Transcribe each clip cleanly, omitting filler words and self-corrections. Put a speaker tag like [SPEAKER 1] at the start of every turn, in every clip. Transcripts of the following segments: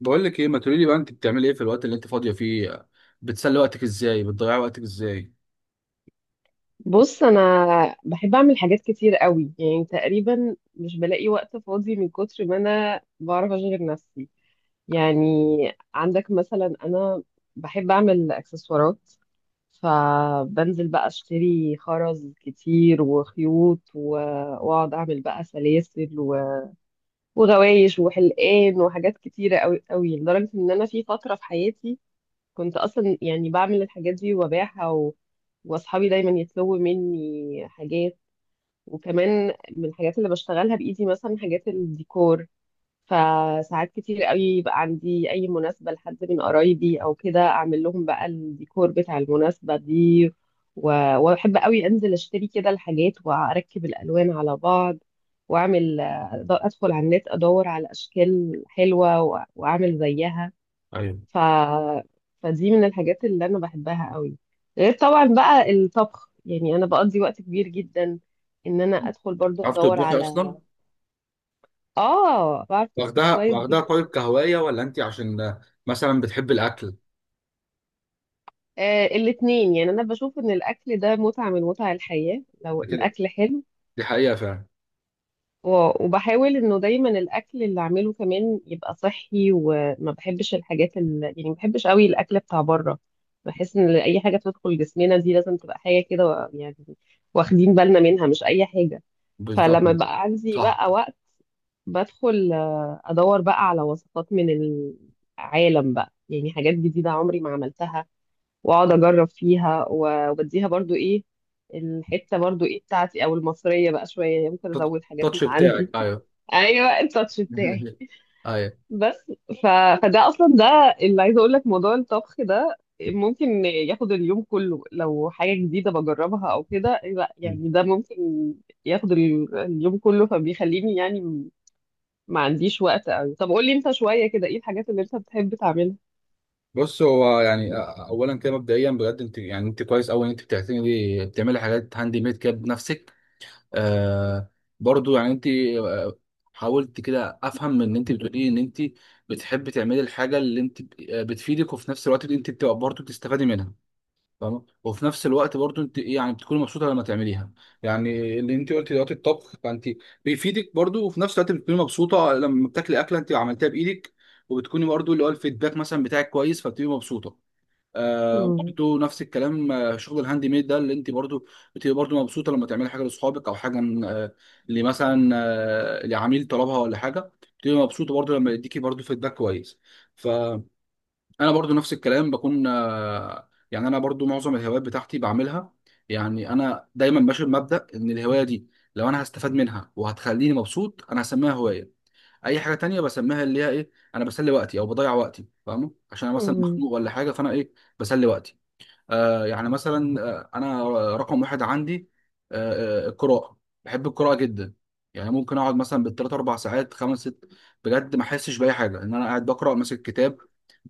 [SPEAKER 1] بقول لك ايه، ما تقولي لي بقى، انت بتعملي ايه في الوقت اللي انت فاضيه فيه؟ بتسلي وقتك ازاي؟ بتضيعي وقتك ازاي؟
[SPEAKER 2] بص انا بحب اعمل حاجات كتير قوي. يعني تقريبا مش بلاقي وقت فاضي من كتر ما انا بعرف اشغل نفسي. يعني عندك مثلا، انا بحب اعمل اكسسوارات، فبنزل بقى اشتري خرز كتير وخيوط واقعد اعمل بقى سلاسل وغوايش وحلقان وحاجات كتيرة قوي قوي، لدرجة ان انا في فترة في حياتي كنت اصلا يعني بعمل الحاجات دي وببيعها واصحابي دايما يطلبوا مني حاجات. وكمان من الحاجات اللي بشتغلها بايدي مثلا حاجات الديكور، فساعات كتير قوي يبقى عندي اي مناسبة لحد من قرايبي او كده، اعمل لهم بقى الديكور بتاع المناسبة دي. و... واحب قوي انزل اشتري كده الحاجات واركب الالوان على بعض واعمل، ادخل على النت ادور على اشكال حلوة واعمل زيها.
[SPEAKER 1] ايوه.
[SPEAKER 2] ف... فدي من الحاجات اللي انا بحبها قوي، غير طبعا بقى الطبخ. يعني انا بقضي وقت كبير جدا ان انا ادخل برضو
[SPEAKER 1] عارف
[SPEAKER 2] ادور
[SPEAKER 1] تطبخي
[SPEAKER 2] على،
[SPEAKER 1] اصلا؟
[SPEAKER 2] اه، بعرف اطبخ
[SPEAKER 1] واخدها
[SPEAKER 2] كويس
[SPEAKER 1] واخدها
[SPEAKER 2] جدا.
[SPEAKER 1] طيب كهوايه، ولا انت عشان مثلا بتحب الاكل؟
[SPEAKER 2] آه، الاتنين، يعني انا بشوف ان الاكل ده متعة من متع الحياة لو
[SPEAKER 1] ده كده.
[SPEAKER 2] الاكل حلو.
[SPEAKER 1] دي حقيقه فعلا.
[SPEAKER 2] وبحاول انه دايما الاكل اللي اعمله كمان يبقى صحي، وما بحبش الحاجات يعني ما بحبش قوي الاكل بتاع بره. بحس ان اي حاجه بتدخل جسمنا دي لازم تبقى حاجه كده يعني واخدين بالنا منها، مش اي حاجه.
[SPEAKER 1] بالظبط.
[SPEAKER 2] فلما بقى عندي
[SPEAKER 1] صح.
[SPEAKER 2] بقى وقت، بدخل ادور بقى على وصفات من العالم بقى، يعني حاجات جديده عمري ما عملتها، واقعد اجرب فيها وبديها برضو ايه الحته، برضو ايه بتاعتي او المصريه بقى شويه، يعني ممكن ازود حاجات
[SPEAKER 1] التاتش
[SPEAKER 2] من
[SPEAKER 1] بتاعك،
[SPEAKER 2] عندي.
[SPEAKER 1] ايوه.
[SPEAKER 2] ايوه، التاتش بتاعي.
[SPEAKER 1] ايوه.
[SPEAKER 2] بس. ف... فده اصلا، ده اللي عايزه اقول لك، موضوع الطبخ ده ممكن ياخد اليوم كله لو حاجه جديده بجربها او كده. لا يعني ده ممكن ياخد اليوم كله، فبيخليني يعني ما عنديش وقت قوي. طب قول لي انت شويه كده، ايه الحاجات اللي انت بتحب تعملها؟
[SPEAKER 1] بص، هو يعني اولا كده مبدئيا بجد انت كويس قوي ان انت بتعملي حاجات هاند ميد كده بنفسك. آه، برضو يعني انت، حاولت كده افهم ان انت بتقولي ان انت بتحبي تعملي الحاجه اللي انت بتفيدك، وفي نفس الوقت انت بتبقى برضو بتستفادي منها، فاهمه. وفي نفس الوقت برضو انت ايه، يعني بتكوني مبسوطه لما تعمليها. يعني اللي انت قلتي دلوقتي الطبخ، فانت بيفيدك برضو، وفي نفس الوقت بتكوني مبسوطه لما بتاكلي اكله انت عملتها بايدك، وبتكوني برضو اللي هو الفيدباك مثلا بتاعك كويس، فبتبقي مبسوطه. آه،
[SPEAKER 2] مم.
[SPEAKER 1] برضو نفس الكلام. شغل الهاند ميد ده، اللي انت برضو بتبقى برضو مبسوطه لما تعملي حاجه لاصحابك او حاجه، آه، اللي مثلا، لعميل طلبها ولا حاجه، بتبقى مبسوطه برضو لما يديكي برضو فيدباك كويس. فانا برضو نفس الكلام، بكون، يعني انا برضو معظم الهوايات بتاعتي بعملها. يعني انا دايما ماشي بمبدأ ان الهوايه دي، لو انا هستفاد منها وهتخليني مبسوط، انا هسميها هوايه. اي حاجه تانية بسميها اللي هي ايه، انا بسلي وقتي او بضيع وقتي، فاهمه، عشان انا مثلا مخنوق ولا حاجه، فانا ايه، بسلي وقتي. يعني مثلا انا رقم واحد عندي القراءه. بحب القراءه جدا. يعني ممكن اقعد مثلا بالثلاث اربع ساعات، خمس ست، بجد ما احسش باي حاجه، ان انا قاعد بقرا ماسك كتاب،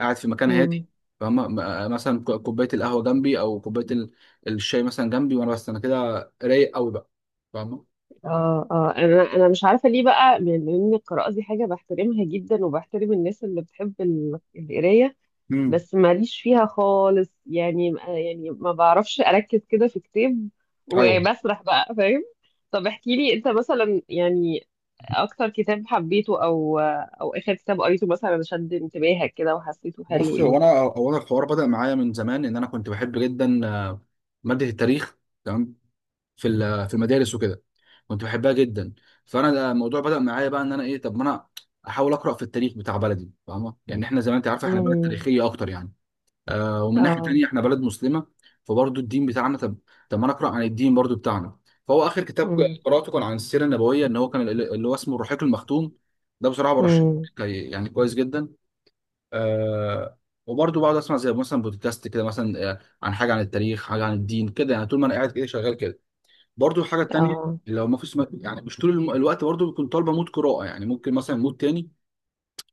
[SPEAKER 1] قاعد في مكان هادي،
[SPEAKER 2] مم.
[SPEAKER 1] فاهم. مثلا كوبايه القهوه جنبي، او كوبايه الشاي مثلا جنبي، وانا بس انا كده رايق قوي بقى، فاهم.
[SPEAKER 2] اه اه، انا مش عارفه ليه بقى، لان إن القراءه دي حاجه بحترمها جدا، وبحترم الناس اللي بتحب القرايه،
[SPEAKER 1] امم.
[SPEAKER 2] بس ماليش فيها خالص. يعني يعني ما بعرفش اركز كده في كتاب
[SPEAKER 1] ايوه.
[SPEAKER 2] وبسرح بقى، فاهم؟ طب احكي لي انت مثلا، يعني اكتر كتاب حبيته او او اخر كتاب قريته مثلا شد انتباهك كده وحسيته حلو،
[SPEAKER 1] بص، هو
[SPEAKER 2] ايه؟
[SPEAKER 1] انا هو انا الحوار بدأ معايا من زمان، ان انا كنت بحب جدا، ماده التاريخ. تمام. في المدارس وكده، كنت بحبها جدا. فانا ده الموضوع بدأ معايا بقى، ان انا ايه، طب ما انا احاول اقرا في التاريخ بتاع بلدي، فاهمه، يعني احنا زي ما انت عارفه احنا بلد
[SPEAKER 2] امم.
[SPEAKER 1] تاريخيه اكتر يعني. ومن ناحيه
[SPEAKER 2] اه.
[SPEAKER 1] تانيه احنا بلد مسلمه، فبرضه الدين بتاعنا، طب ما انا اقرا عن الدين برضه بتاعنا. فهو اخر كتاب
[SPEAKER 2] امم.
[SPEAKER 1] قراته كان عن السيره النبويه، ان هو كان اللي هو اسمه الرحيق المختوم. ده بصراحه برشحه
[SPEAKER 2] امم.
[SPEAKER 1] لك، يعني كويس جدا. آه. وبرضه بقعد اسمع زي مثلا بودكاست كده، مثلا عن حاجه عن التاريخ، حاجه عن الدين كده، يعني طول ما انا قاعد كده شغال كده. برضو الحاجة التانية،
[SPEAKER 2] اه.
[SPEAKER 1] لو ما فيش، يعني مش طول الوقت برضو بكون طالبة مود قراءة، يعني ممكن مثلا مود تاني.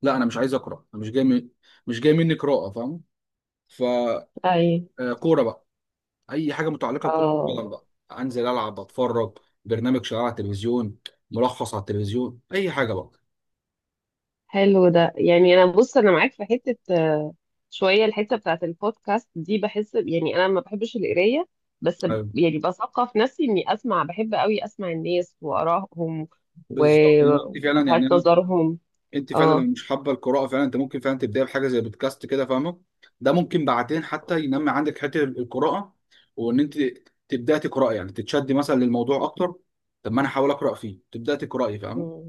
[SPEAKER 1] لا، أنا مش عايز أقرأ، أنا مش جاي مني قراءة، فاهم. ف
[SPEAKER 2] اي.
[SPEAKER 1] كورة بقى، أي حاجة متعلقة بكرة
[SPEAKER 2] اه،
[SPEAKER 1] القدم بقى. أنزل ألعب، أتفرج برنامج شغال على التلفزيون، ملخص على التلفزيون، أي حاجة بقى.
[SPEAKER 2] حلو ده. يعني انا بص انا معاك في حته، شويه الحته بتاعت البودكاست دي. بحس يعني انا ما بحبش القرايه، بس
[SPEAKER 1] أيوة.
[SPEAKER 2] يعني بثقف نفسي اني اسمع، بحب قوي اسمع الناس وارائهم
[SPEAKER 1] بالظبط وقتي فعلا يعني.
[SPEAKER 2] ووجهات نظرهم.
[SPEAKER 1] انت فعلا لو
[SPEAKER 2] اه
[SPEAKER 1] مش حابه القراءه فعلا، انت ممكن فعلا تبداي بحاجه زي بودكاست كده، فاهمه. ده ممكن بعدين حتى ينمي عندك حته القراءه، وان انت تبداي تقراي، يعني تتشدي مثلا للموضوع اكتر. طب ما انا احاول اقرا فيه، تبداي تقراي، فاهمه.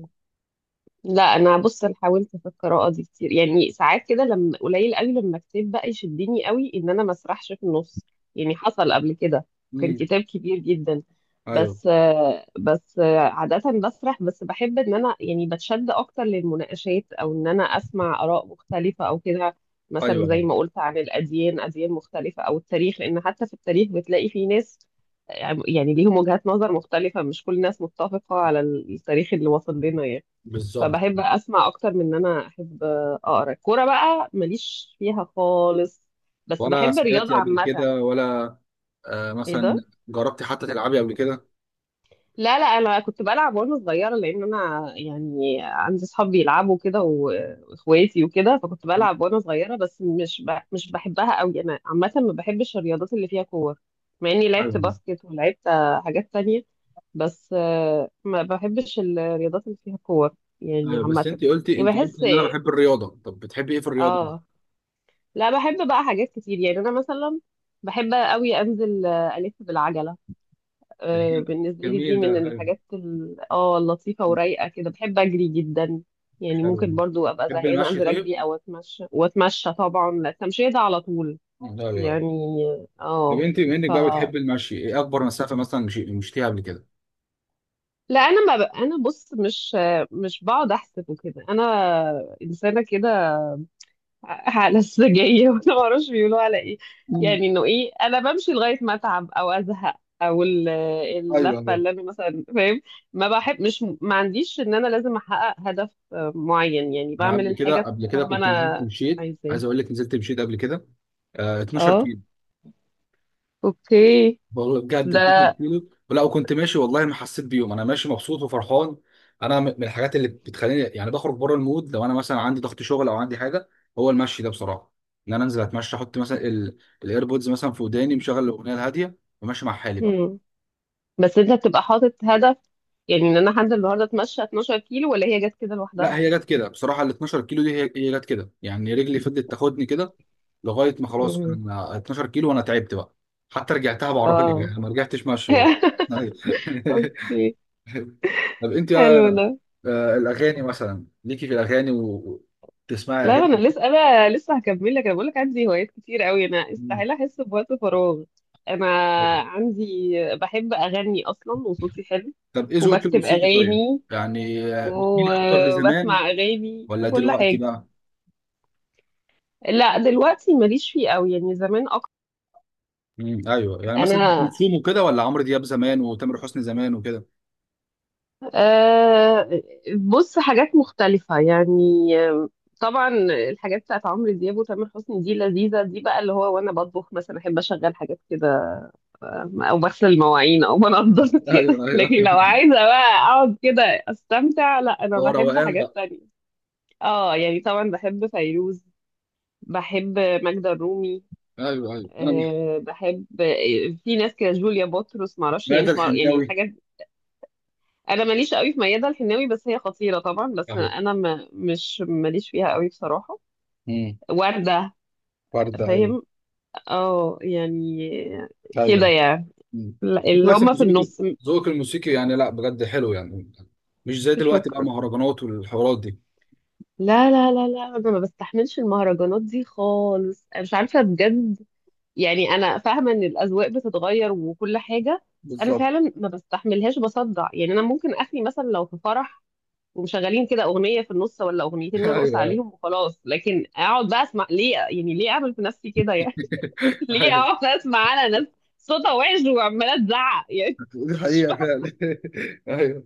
[SPEAKER 2] لا، انا بص انا حاولت في القراءه دي كتير. يعني ساعات كده، لما قليل قوي لما كتاب بقى يشدني قوي ان انا ما اسرحش في النص. يعني حصل قبل كده، كان
[SPEAKER 1] امم.
[SPEAKER 2] كتاب كبير جدا،
[SPEAKER 1] ايوه.
[SPEAKER 2] بس بس عاده بسرح. بس بحب ان انا يعني بتشد اكتر للمناقشات، او ان انا اسمع اراء مختلفه او كده.
[SPEAKER 1] ايوه.
[SPEAKER 2] مثلا زي
[SPEAKER 1] ايوه.
[SPEAKER 2] ما قلت عن الاديان، اديان مختلفه، او التاريخ. لان حتى في التاريخ بتلاقي في ناس يعني ليهم وجهات نظر مختلفه، مش كل الناس متفقه على التاريخ اللي وصل لنا يعني.
[SPEAKER 1] بالظبط.
[SPEAKER 2] فبحب اسمع اكتر من ان انا احب اقرا. الكوره بقى ماليش فيها خالص، بس
[SPEAKER 1] ولا
[SPEAKER 2] بحب الرياضه
[SPEAKER 1] سمعتي قبل
[SPEAKER 2] عامه.
[SPEAKER 1] كده، ولا
[SPEAKER 2] ايه ده؟
[SPEAKER 1] مثلا جربتي حتى تلعبي قبل كده؟
[SPEAKER 2] لا لا، انا كنت بلعب وانا صغيره، لان انا يعني عندي اصحاب بيلعبوا كده واخواتي وكده، فكنت
[SPEAKER 1] مم.
[SPEAKER 2] بلعب وانا صغيره، بس مش بحبها قوي. انا عامه ما بحبش الرياضات اللي فيها كور، مع اني لعبت
[SPEAKER 1] ايوه.
[SPEAKER 2] باسكت ولعبت حاجات تانية، بس ما بحبش الرياضات اللي فيها كور يعني
[SPEAKER 1] ايوه. بس
[SPEAKER 2] عامه.
[SPEAKER 1] انت قلتي
[SPEAKER 2] يعني
[SPEAKER 1] انت قلتي
[SPEAKER 2] بحس،
[SPEAKER 1] ان انا بحب الرياضه. طب بتحبي ايه في الرياضه؟
[SPEAKER 2] اه لا، بحب بقى حاجات كتير. يعني انا مثلا بحب قوي انزل الف بالعجله.
[SPEAKER 1] ده
[SPEAKER 2] بالنسبه لي
[SPEAKER 1] جميل
[SPEAKER 2] دي
[SPEAKER 1] ده.
[SPEAKER 2] من
[SPEAKER 1] ايوه.
[SPEAKER 2] الحاجات اللطيفه ورايقه كده. بحب اجري جدا، يعني
[SPEAKER 1] حلو.
[SPEAKER 2] ممكن برضو ابقى
[SPEAKER 1] بتحبي
[SPEAKER 2] زهقانه
[SPEAKER 1] المشي
[SPEAKER 2] انزل
[SPEAKER 1] طيب؟
[SPEAKER 2] اجري او اتمشى، واتمشى طبعا، لا، التمشيه ده على طول
[SPEAKER 1] ايوه.
[SPEAKER 2] يعني.
[SPEAKER 1] طب
[SPEAKER 2] اه،
[SPEAKER 1] انت بما انك
[SPEAKER 2] ف،
[SPEAKER 1] بقى بتحب المشي، ايه اكبر مسافه مثلا مشيتيها قبل كده؟
[SPEAKER 2] لا، انا ما ب... انا بص، مش بقعد احسب وكده. انا انسانه كده، لسه جاية، وأنا معرفش بيقولوا على إيه،
[SPEAKER 1] مم.
[SPEAKER 2] يعني إنه إيه، أنا بمشي لغاية ما أتعب أو أزهق، أو
[SPEAKER 1] ايوه.
[SPEAKER 2] اللفة
[SPEAKER 1] ايوه.
[SPEAKER 2] اللي أنا مثلا، فاهم؟ ما بحب مش ما عنديش إن أنا لازم أحقق هدف معين، يعني
[SPEAKER 1] انا
[SPEAKER 2] بعمل
[SPEAKER 1] قبل كده
[SPEAKER 2] الحاجة
[SPEAKER 1] قبل كده
[SPEAKER 2] طول ما
[SPEAKER 1] كنت نزلت
[SPEAKER 2] أنا
[SPEAKER 1] مشيت،
[SPEAKER 2] عايزاه.
[SPEAKER 1] عايز اقول لك نزلت مشيت قبل كده 12
[SPEAKER 2] أه،
[SPEAKER 1] كيلو.
[SPEAKER 2] أوكي،
[SPEAKER 1] والله بجد
[SPEAKER 2] ده.
[SPEAKER 1] 12 كيلو، ولا وكنت ماشي والله ما حسيت بيهم، انا ماشي مبسوط وفرحان. انا من الحاجات اللي بتخليني يعني بخرج بره المود لو انا مثلا عندي ضغط شغل او عندي حاجه، هو المشي ده بصراحه، ان انا انزل اتمشى، احط مثلا الايربودز مثلا في وداني، مشغل الاغنيه الهاديه وماشي مع حالي بقى.
[SPEAKER 2] مم. بس أنت بتبقى حاطط هدف؟ يعني إن أنا حد النهاردة أتمشى 12 كيلو، ولا هي جت كده
[SPEAKER 1] لا،
[SPEAKER 2] لوحدها؟
[SPEAKER 1] هي جت كده بصراحه، ال 12 كيلو دي، هي جت كده، يعني رجلي فضلت تاخدني كده لغايه ما خلاص
[SPEAKER 2] مم.
[SPEAKER 1] انا 12 كيلو وانا تعبت بقى. حتى رجعتها بعربيه
[SPEAKER 2] أه.
[SPEAKER 1] يعني ما رجعتش ماشي برضه. أيوة.
[SPEAKER 2] أوكي.
[SPEAKER 1] طب انت
[SPEAKER 2] حلو
[SPEAKER 1] بقى،
[SPEAKER 2] ده.
[SPEAKER 1] الاغاني مثلا ليكي في الاغاني وتسمعي
[SPEAKER 2] لا انا
[SPEAKER 1] اغاني؟
[SPEAKER 2] لسه، هكمل لك، انا بقول لك عندي هوايات كتير قوي، انا
[SPEAKER 1] مم.
[SPEAKER 2] استحيل احس بوقت فراغ. انا عندي، بحب اغني اصلا وصوتي حلو،
[SPEAKER 1] طب ايه ذوقك
[SPEAKER 2] وبكتب
[SPEAKER 1] الموسيقي طيب؟
[SPEAKER 2] اغاني،
[SPEAKER 1] يعني بتميلي اكتر لزمان
[SPEAKER 2] وبسمع اغاني
[SPEAKER 1] ولا
[SPEAKER 2] وكل
[SPEAKER 1] دلوقتي
[SPEAKER 2] حاجه.
[SPEAKER 1] بقى؟
[SPEAKER 2] لا دلوقتي ماليش فيه قوي، يعني زمان اكتر.
[SPEAKER 1] مم. ايوه، يعني مثلا ام
[SPEAKER 2] انا،
[SPEAKER 1] كلثوم وكده، ولا عمرو دياب زمان وتامر حسني زمان وكده؟
[SPEAKER 2] أه بص، حاجات مختلفه يعني. آه، طبعا الحاجات بتاعت عمرو دياب وتامر حسني دي لذيذه، دي بقى اللي هو وانا بطبخ مثلا احب اشغل حاجات كده، او بغسل المواعين او بنضف كده.
[SPEAKER 1] ايوه.
[SPEAKER 2] لكن
[SPEAKER 1] ايوه.
[SPEAKER 2] لو عايزه بقى اقعد كده استمتع، لا، انا
[SPEAKER 1] هو
[SPEAKER 2] بحب
[SPEAKER 1] روقان.
[SPEAKER 2] حاجات تانية. اه يعني طبعا بحب فيروز، بحب ماجدة الرومي.
[SPEAKER 1] ايوه. ايوه. انا.
[SPEAKER 2] بحب في ناس كده جوليا بطرس، ما اعرفش، يعني
[SPEAKER 1] مادة
[SPEAKER 2] مش معرف يعني
[SPEAKER 1] الحناوي.
[SPEAKER 2] الحاجات. انا ماليش قوي في ميادة الحناوي، بس هي خطيرة طبعا، بس
[SPEAKER 1] ايوه.
[SPEAKER 2] انا ما مش ماليش فيها قوي بصراحة.
[SPEAKER 1] امم.
[SPEAKER 2] وردة،
[SPEAKER 1] ورده. ايوه.
[SPEAKER 2] فاهم؟ اه يعني كده
[SPEAKER 1] ايوه.
[SPEAKER 2] يعني.
[SPEAKER 1] مم.
[SPEAKER 2] لا، اللي
[SPEAKER 1] كويس ان
[SPEAKER 2] هم في
[SPEAKER 1] ذوقك
[SPEAKER 2] النص.
[SPEAKER 1] ذوقك الموسيقي يعني، لا بجد حلو يعني، مش زي دلوقتي بقى
[SPEAKER 2] شكرا.
[SPEAKER 1] مهرجانات والحوارات دي.
[SPEAKER 2] لا لا لا لا، انا ما بستحملش المهرجانات دي خالص، انا مش عارفه بجد. يعني انا فاهمه ان الاذواق بتتغير وكل حاجه، بس انا
[SPEAKER 1] بالظبط.
[SPEAKER 2] فعلا ما بستحملهاش، بصدع. يعني انا ممكن اخلي مثلا لو في فرح ومشغلين كده اغنيه في النص ولا اغنيتين، نرقص
[SPEAKER 1] ايوه.
[SPEAKER 2] عليهم
[SPEAKER 1] ايوه.
[SPEAKER 2] وخلاص. لكن اقعد بقى اسمع ليه؟ يعني ليه اعمل في نفسي كده يعني؟ ليه
[SPEAKER 1] ايوه.
[SPEAKER 2] اقعد اسمع على ناس صوتها وحش وعماله تزعق يعني
[SPEAKER 1] دي
[SPEAKER 2] مش
[SPEAKER 1] حقيقه
[SPEAKER 2] فاهمه.
[SPEAKER 1] فعلا. ايوه.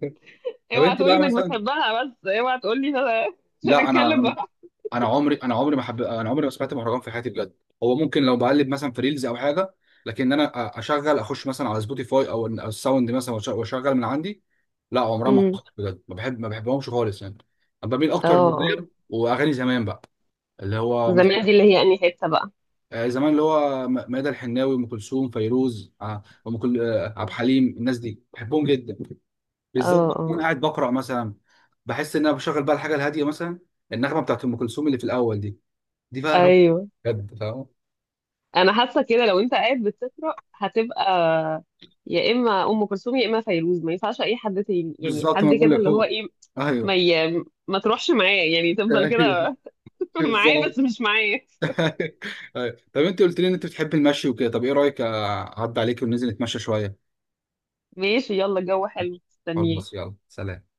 [SPEAKER 1] طب
[SPEAKER 2] اوعى
[SPEAKER 1] انت
[SPEAKER 2] تقولي
[SPEAKER 1] بقى
[SPEAKER 2] انك
[SPEAKER 1] مثلا،
[SPEAKER 2] بتحبها، بس اوعى تقولي إن انا عشان
[SPEAKER 1] لا انا،
[SPEAKER 2] اتكلم بقى.
[SPEAKER 1] انا عمري انا عمري ما حب... انا عمري ما سمعت مهرجان في حياتي بجد. هو ممكن لو بقلب مثلا في ريلز او حاجه، لكن انا اشغل اخش مثلا على سبوتيفاي او أو الساوند مثلا، واشغل من عندي. لا، عمرها ما
[SPEAKER 2] امم
[SPEAKER 1] حصلت بجد، ما بحبهمش خالص يعني. انا بميل اكتر
[SPEAKER 2] اه،
[SPEAKER 1] للراب واغاني زمان بقى، اللي هو مثلا،
[SPEAKER 2] زمان دي اللي هي انهي حته بقى؟
[SPEAKER 1] زمان اللي هو ميادة الحناوي، ام كلثوم، فيروز، ع- ام كل آه، عبد
[SPEAKER 2] مم.
[SPEAKER 1] الحليم. الناس دي بحبهم جدا بالذات.
[SPEAKER 2] اه
[SPEAKER 1] وانا
[SPEAKER 2] اه
[SPEAKER 1] قاعد بقرا مثلا، بحس ان انا بشغل بقى الحاجه الهاديه مثلا، النغمه بتاعت ام كلثوم اللي في الاول دي، دي بقى رب،
[SPEAKER 2] ايوه،
[SPEAKER 1] بجد، فاهم.
[SPEAKER 2] انا حاسه كده لو انت قاعد بتقرا، هتبقى يا اما ام كلثوم يا اما فيروز، ما ينفعش اي حد تاني يعني
[SPEAKER 1] بالظبط، ما
[SPEAKER 2] حد
[SPEAKER 1] بقول
[SPEAKER 2] كده
[SPEAKER 1] لك
[SPEAKER 2] اللي هو
[SPEAKER 1] هو.
[SPEAKER 2] ايه. ما
[SPEAKER 1] ايوه.
[SPEAKER 2] ي... ما تروحش معاه، يعني تفضل
[SPEAKER 1] أيوة.
[SPEAKER 2] كده. معاه، بس
[SPEAKER 1] بالظبط.
[SPEAKER 2] مش معايا.
[SPEAKER 1] أيوة. طب انت قلت لي ان انت بتحب المشي وكده، طب ايه رايك اعدي عليك وننزل نتمشى شويه؟
[SPEAKER 2] ماشي، يلا، الجو حلو، استنيه.
[SPEAKER 1] خلاص، يلا سلام.